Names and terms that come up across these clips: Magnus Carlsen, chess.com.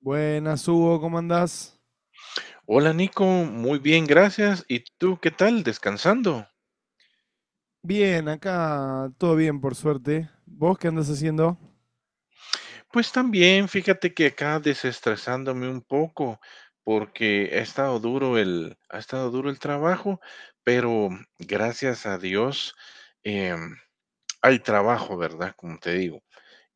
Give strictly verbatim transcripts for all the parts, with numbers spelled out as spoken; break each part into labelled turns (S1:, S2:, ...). S1: Buenas, Hugo, ¿cómo andás?
S2: Hola Nico, muy bien, gracias. ¿Y tú qué tal? ¿Descansando?
S1: Bien, acá todo bien, por suerte. ¿Vos qué andás haciendo?
S2: Pues también, fíjate que acá desestresándome un poco, porque ha estado duro el, ha estado duro el trabajo, pero gracias a Dios, em, hay trabajo, ¿verdad? Como te digo.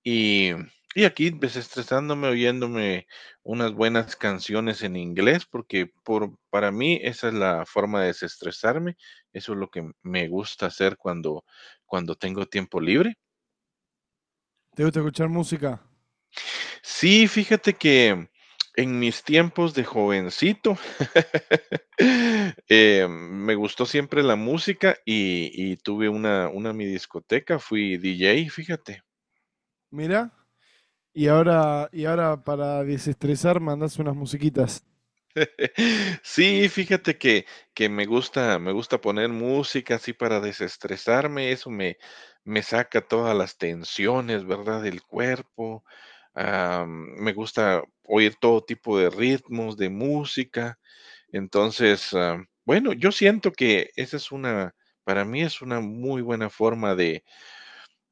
S2: Y, y aquí desestresándome, oyéndome unas buenas canciones en inglés, porque por, para mí esa es la forma de desestresarme. Eso es lo que me gusta hacer cuando, cuando tengo tiempo libre.
S1: ¿Te gusta escuchar música?
S2: Sí, fíjate que en mis tiempos de jovencito eh, me gustó siempre la música y, y tuve una, una mi discoteca, fui D J, fíjate.
S1: Mira, y ahora, y ahora para desestresar mandás unas musiquitas.
S2: Sí, fíjate que que me gusta me gusta poner música así para desestresarme, eso me me saca todas las tensiones, ¿verdad?, del cuerpo. Am, me gusta oír todo tipo de ritmos, de música. Entonces, am, bueno, yo siento que esa es una para mí es una muy buena forma de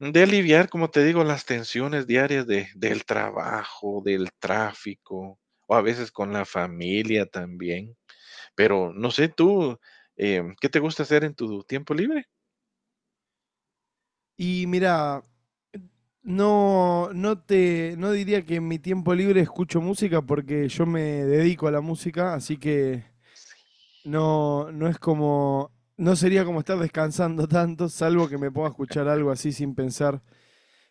S2: de aliviar, como te digo, las tensiones diarias de del trabajo, del tráfico, o a veces con la familia también. Pero no sé, tú, em, ¿qué te gusta hacer en tu tiempo libre?
S1: Y mira, no, no te, no diría que en mi tiempo libre escucho música porque yo me dedico a la música, así que no, no es como, no sería como estar descansando tanto, salvo que me pueda escuchar algo así sin pensar.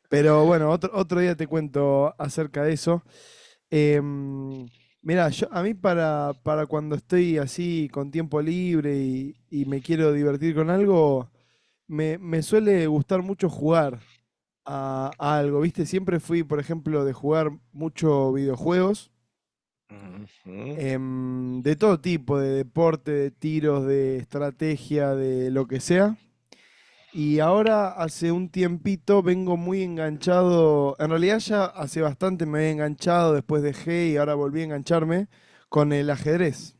S1: Pero bueno, otro, otro día te cuento acerca de eso. Em, Mirá, yo, a mí para, para cuando estoy así con tiempo libre y, y me quiero divertir con algo, me, me suele gustar mucho jugar a, a algo, ¿viste? Siempre fui, por ejemplo, de jugar mucho videojuegos,
S2: Ujú.
S1: em, de todo tipo, de deporte, de tiros, de estrategia, de lo que sea. Y ahora hace un tiempito vengo muy enganchado, en realidad ya hace bastante me había enganchado, después dejé y ahora volví a engancharme con el ajedrez.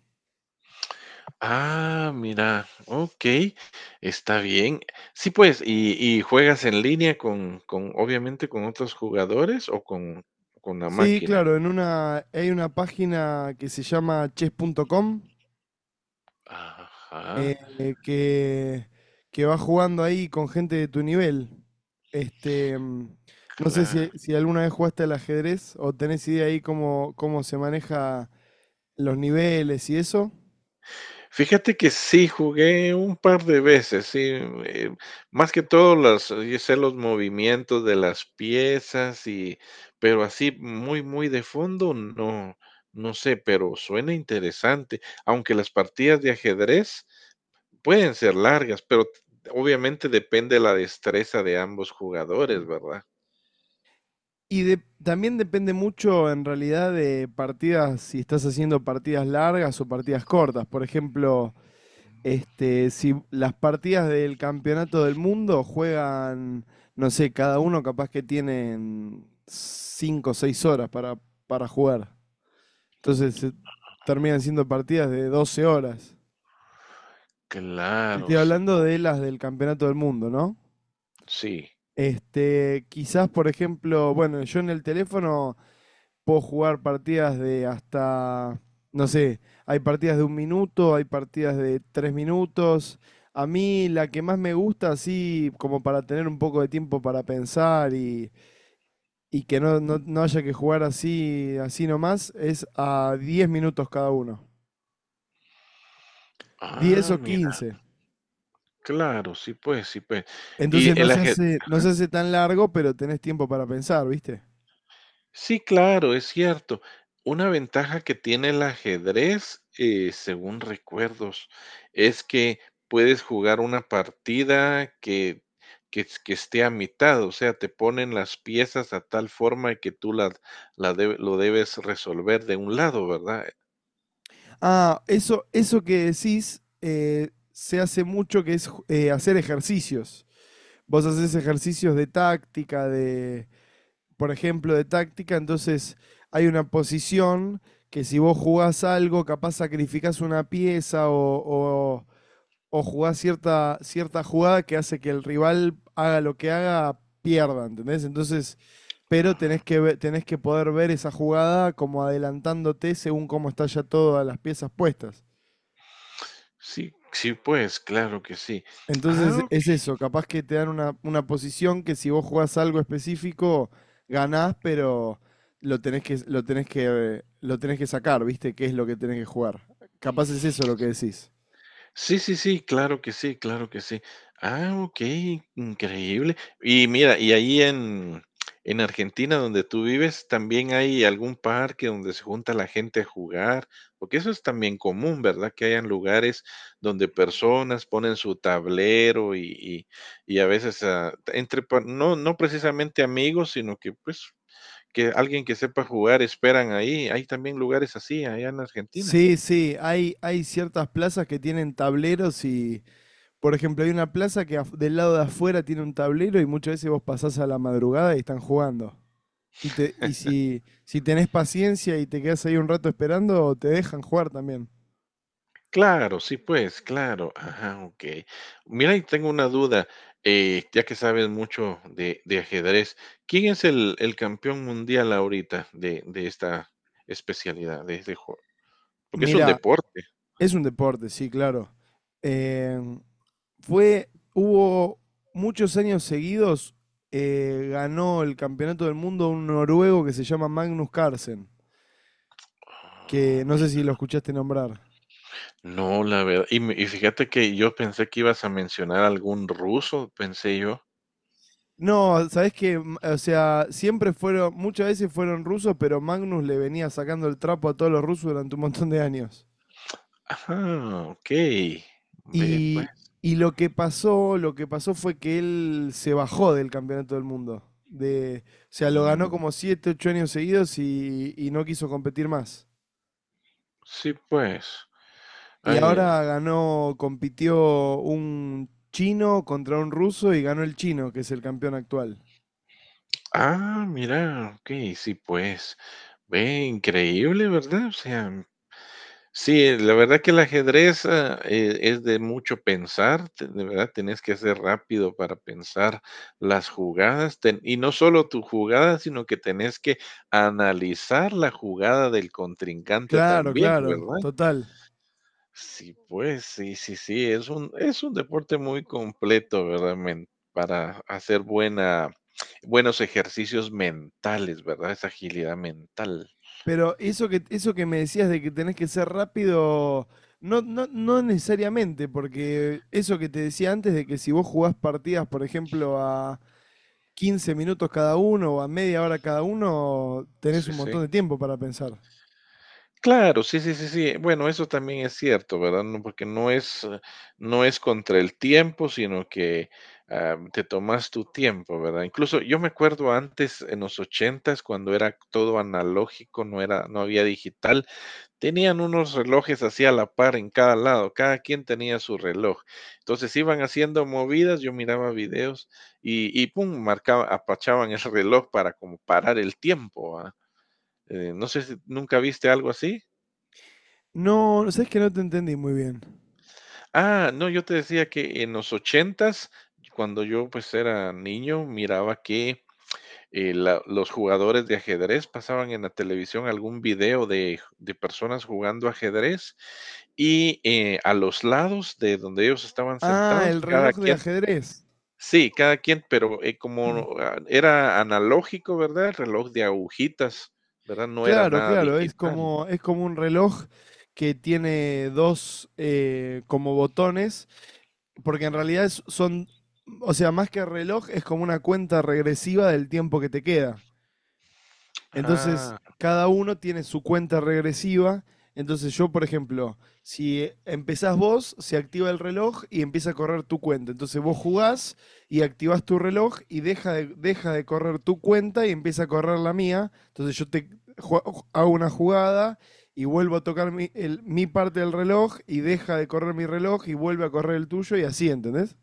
S2: Ah, mira, okey, está bien. Sí, pues, ¿y y juegas en línea con con obviamente con otros jugadores o con con la
S1: Sí,
S2: máquina?
S1: claro, en una, hay una página que se llama chess punto com,
S2: Ajá,
S1: eh, que, que va jugando ahí con gente de tu nivel. Este, mm, no sé si,
S2: claro.
S1: si alguna vez jugaste al ajedrez o tenés idea ahí cómo, cómo se maneja los niveles y eso.
S2: Fíjate que sí, jugué un par de veces, sí. eh, Más que todo las eh, yo sé los movimientos de las piezas y pero así muy, muy de fondo, no, no sé, pero suena interesante, aunque las partidas de ajedrez pueden ser largas, pero t- obviamente depende de la destreza de ambos jugadores, ¿verdad?
S1: Y de- también depende mucho en realidad de partidas, si estás haciendo partidas largas o partidas cortas. Por ejemplo, este, si las partidas del campeonato del mundo juegan, no sé, cada uno capaz que tienen cinco o seis horas para, para jugar. Entonces eh, terminan siendo partidas de doce horas. Estoy
S2: Claro, sí,
S1: hablando de
S2: pues,
S1: las del campeonato del mundo, ¿no?
S2: sí.
S1: Este, quizás, por ejemplo, bueno, yo en el teléfono puedo jugar partidas de hasta, no sé, hay partidas de un minuto, hay partidas de tres minutos. A mí la que más me gusta, así como para tener un poco de tiempo para pensar y, y que no, no, no haya que jugar así, así nomás, es a diez minutos cada uno, diez
S2: Ah,
S1: o
S2: mira,
S1: quince
S2: claro, sí, pues, sí, pues.
S1: Entonces
S2: Y
S1: no
S2: el
S1: se
S2: aje
S1: hace, no se hace tan largo, pero tenés tiempo para pensar, ¿viste?
S2: Sí, claro, es cierto. Una ventaja que tiene el ajedrez, eh, según recuerdos, es que puedes jugar una partida que, que, es- que esté a mitad, o sea, te ponen las piezas a tal forma que tú la, la debe- lo debes resolver de un lado, ¿verdad?
S1: Ah, eso, eso que decís, eh, se hace mucho que es, eh, hacer ejercicios. Vos haces
S2: Mm,
S1: ejercicios de táctica, de, por ejemplo, de táctica, entonces hay una posición que si vos jugás algo, capaz sacrificás una pieza o, o, o jugás cierta, cierta jugada que hace que el rival haga lo que haga, pierda, ¿entendés? Entonces, pero tenés
S2: ah,
S1: que, ve- tenés que poder ver esa jugada como adelantándote según cómo está ya todas las piezas puestas.
S2: sí, sí, pues, claro que sí.
S1: Entonces
S2: Ah,
S1: es eso, capaz que te dan una, una posición que si vos jugás algo específico, ganás, pero lo tenés que, lo tenés que, eh, lo tenés que sacar, ¿viste? ¿Qué es lo que tenés que jugar? Capaz es eso lo que decís.
S2: sí, sí, sí, claro que sí, claro que sí. Ah, okey, increíble. Y mira, y ahí en en Argentina, donde tú vives, ¿también hay algún parque donde se junta la gente a jugar? Porque eso es también común, ¿verdad? Que hayan lugares donde personas ponen su tablero y y y a veces, ah, entre pa no no precisamente amigos, sino que, pues, que alguien que sepa jugar esperan ahí. ¿Hay también lugares así allá en Argentina?
S1: Sí, sí, hay, hay ciertas plazas que tienen tableros y, por ejemplo, hay una plaza que af- del lado de afuera tiene un tablero y muchas veces vos pasás a la madrugada y están jugando. Y, te, y si, si tenés paciencia y te quedás ahí un rato esperando, te dejan jugar también.
S2: Claro, sí, pues, claro. Ajá, okey. Mira, y tengo una duda, eh, ya que sabes mucho de de ajedrez, ¿quién es el el campeón mundial ahorita de de esta especialidad, de este juego? Porque es un
S1: Mira,
S2: deporte.
S1: es un deporte, sí, claro. Eh, fue, Hubo muchos años seguidos, eh, ganó el campeonato del mundo un noruego que se llama Magnus Carlsen, que
S2: Ah,
S1: no
S2: mi
S1: sé si lo escuchaste nombrar.
S2: No, la verdad, y me y fíjate que yo pensé que ibas a mencionar algún ruso, pensé yo.
S1: No, sabes que, o sea, siempre fueron, muchas veces fueron rusos, pero Magnus le venía sacando el trapo a todos los rusos durante un montón de años.
S2: Ajá, okey. Ve, pues.
S1: Y, y lo que pasó, lo que pasó fue que él se bajó del campeonato del mundo. De, o sea, lo ganó
S2: Mm,
S1: como siete ocho años seguidos y, y no quiso competir más.
S2: sí, pues.
S1: Y
S2: Ay.
S1: ahora ganó, compitió un chino contra un ruso y ganó el chino, que es el campeón actual.
S2: Ah, mira, ok, sí, pues, ve, increíble, ¿verdad? O sea, sí, la verdad que el ajedrez, ah, eh, es de mucho pensar. Te- de verdad, tenés que ser rápido para pensar las jugadas, ten- y no solo tu jugada, sino que tenés que analizar la jugada del contrincante
S1: Claro,
S2: también,
S1: claro,
S2: ¿verdad?
S1: total.
S2: Sí, pues, sí, sí, sí, es un, es un deporte muy completo, ¿verdad? Men- para hacer buena, buenos ejercicios mentales, ¿verdad? Esa agilidad mental.
S1: Pero eso que, eso que me decías de que tenés que ser rápido, no, no, no necesariamente, porque eso que te decía antes de que si vos jugás partidas, por ejemplo, a, quince minutos cada uno o a media hora cada uno, tenés
S2: Sí,
S1: un
S2: sí.
S1: montón de tiempo para pensar.
S2: Claro, sí, sí, sí, sí. Bueno, eso también es cierto, ¿verdad? No, porque no es, eh, no es contra el tiempo, sino que ah, te tomas tu tiempo, ¿verdad? Incluso yo me acuerdo antes, en los ochentas, cuando era todo analógico, no era, no había digital. Tenían unos relojes así a la par en cada lado, cada quien tenía su reloj. Entonces iban haciendo movidas, yo miraba videos y y pum, marcaba apachaban el reloj para como parar el tiempo, ¿verdad? Eh, no sé si ¿nunca viste algo así?
S1: No, sabes que no te entendí muy bien.
S2: Ah, no, yo te decía que en los ochentas, cuando yo, pues, era niño, miraba que eh, la- los jugadores de ajedrez pasaban en la televisión algún video de, de personas jugando ajedrez y eh, a los lados de donde ellos estaban
S1: Ah,
S2: sentados,
S1: el
S2: cada
S1: reloj de
S2: quien,
S1: ajedrez.
S2: sí, cada quien, pero eh, como ah, era analógico, ¿verdad? El reloj de agujitas, ¿verdad? No era
S1: Claro,
S2: nada
S1: claro, es
S2: digital.
S1: como, es como un reloj que tiene dos, eh, como botones, porque en
S2: Ujú.
S1: realidad es- son, o sea, más que reloj, es como una cuenta regresiva del tiempo que te queda. Entonces,
S2: Ah,
S1: cada uno tiene su cuenta regresiva. Entonces, yo, por ejemplo, si empezás vos, se activa el reloj y empieza a correr tu cuenta. Entonces, vos jugás y activás tu reloj y deja de, deja de correr tu cuenta y empieza a correr la mía. Entonces, yo te hago una jugada y vuelvo a tocar mi, el- mi parte del reloj y deja de correr mi reloj y vuelve a correr el tuyo y así, ¿entendés?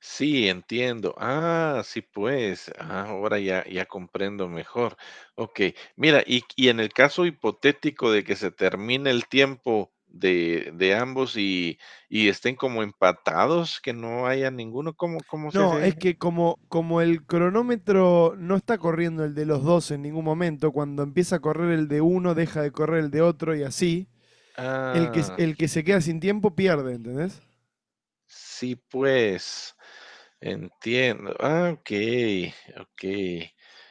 S2: sí, entiendo. Ah, sí, pues. Ah, ahora ya, ya comprendo mejor. Ok, mira, y, y en el caso hipotético de que se termine el tiempo de, de ambos y, y estén como empatados, que no haya ninguno, ¿cómo, cómo se hace
S1: No, es
S2: ahí?
S1: que como, como el cronómetro no está corriendo el de los dos en ningún momento, cuando empieza a correr el de uno, deja de correr el de otro y así, el que,
S2: Ah,
S1: el que se queda sin tiempo pierde, ¿entendés?
S2: sí, pues. Entiendo. Ah, okey, ok.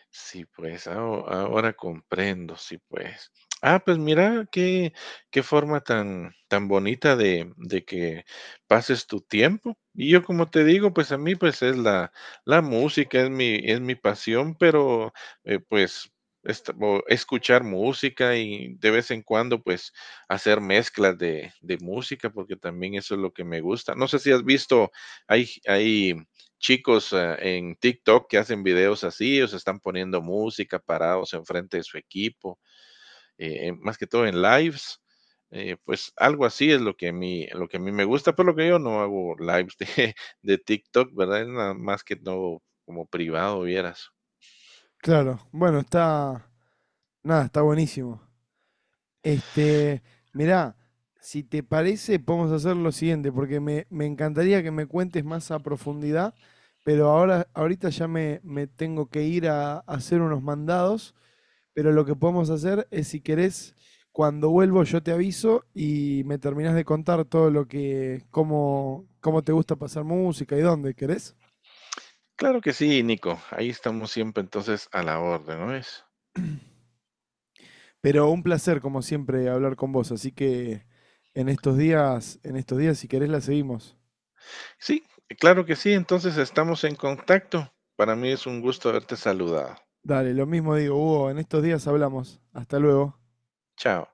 S2: Sí, pues, aho ahora comprendo, sí, pues. Ah, pues mira, qué qué forma tan tan bonita de de que pases tu tiempo. Y yo, como te digo, pues, a mí, pues, es la la música, es mi es mi pasión, pero, eh, pues, est o escuchar música y de vez en cuando, pues, hacer mezclas de de música, porque también eso es lo que me gusta. No sé si has visto, hay hay chicos eh, en TikTok que hacen videos así, o se están poniendo música parados enfrente de su equipo, eh, en- más que todo en lives. Eh, pues algo así es lo que a mí, lo que a mí me gusta. Por lo que yo no hago lives de de TikTok, ¿verdad? Es nada más que todo como privado, vieras.
S1: Claro, bueno, está... nada, está buenísimo. Este, mirá, si te parece, podemos hacer lo siguiente, porque me, me encantaría que me cuentes más a profundidad, pero ahora, ahorita ya me, me tengo que ir a, a hacer unos mandados. Pero lo que podemos hacer es, si querés, cuando vuelvo yo te aviso y me terminás de contar todo lo que, cómo, cómo te gusta pasar música y dónde, ¿querés?
S2: Claro que sí, Nico. Ahí estamos siempre entonces a la orden, ¿no es?
S1: Pero un placer, como siempre, hablar con vos. Así que en estos días, en estos días, si querés, la seguimos.
S2: Sí, claro que sí. Entonces estamos en contacto. Para mí es un gusto haberte saludado.
S1: Dale, lo mismo digo, Hugo, en estos días hablamos. Hasta luego.
S2: Chao.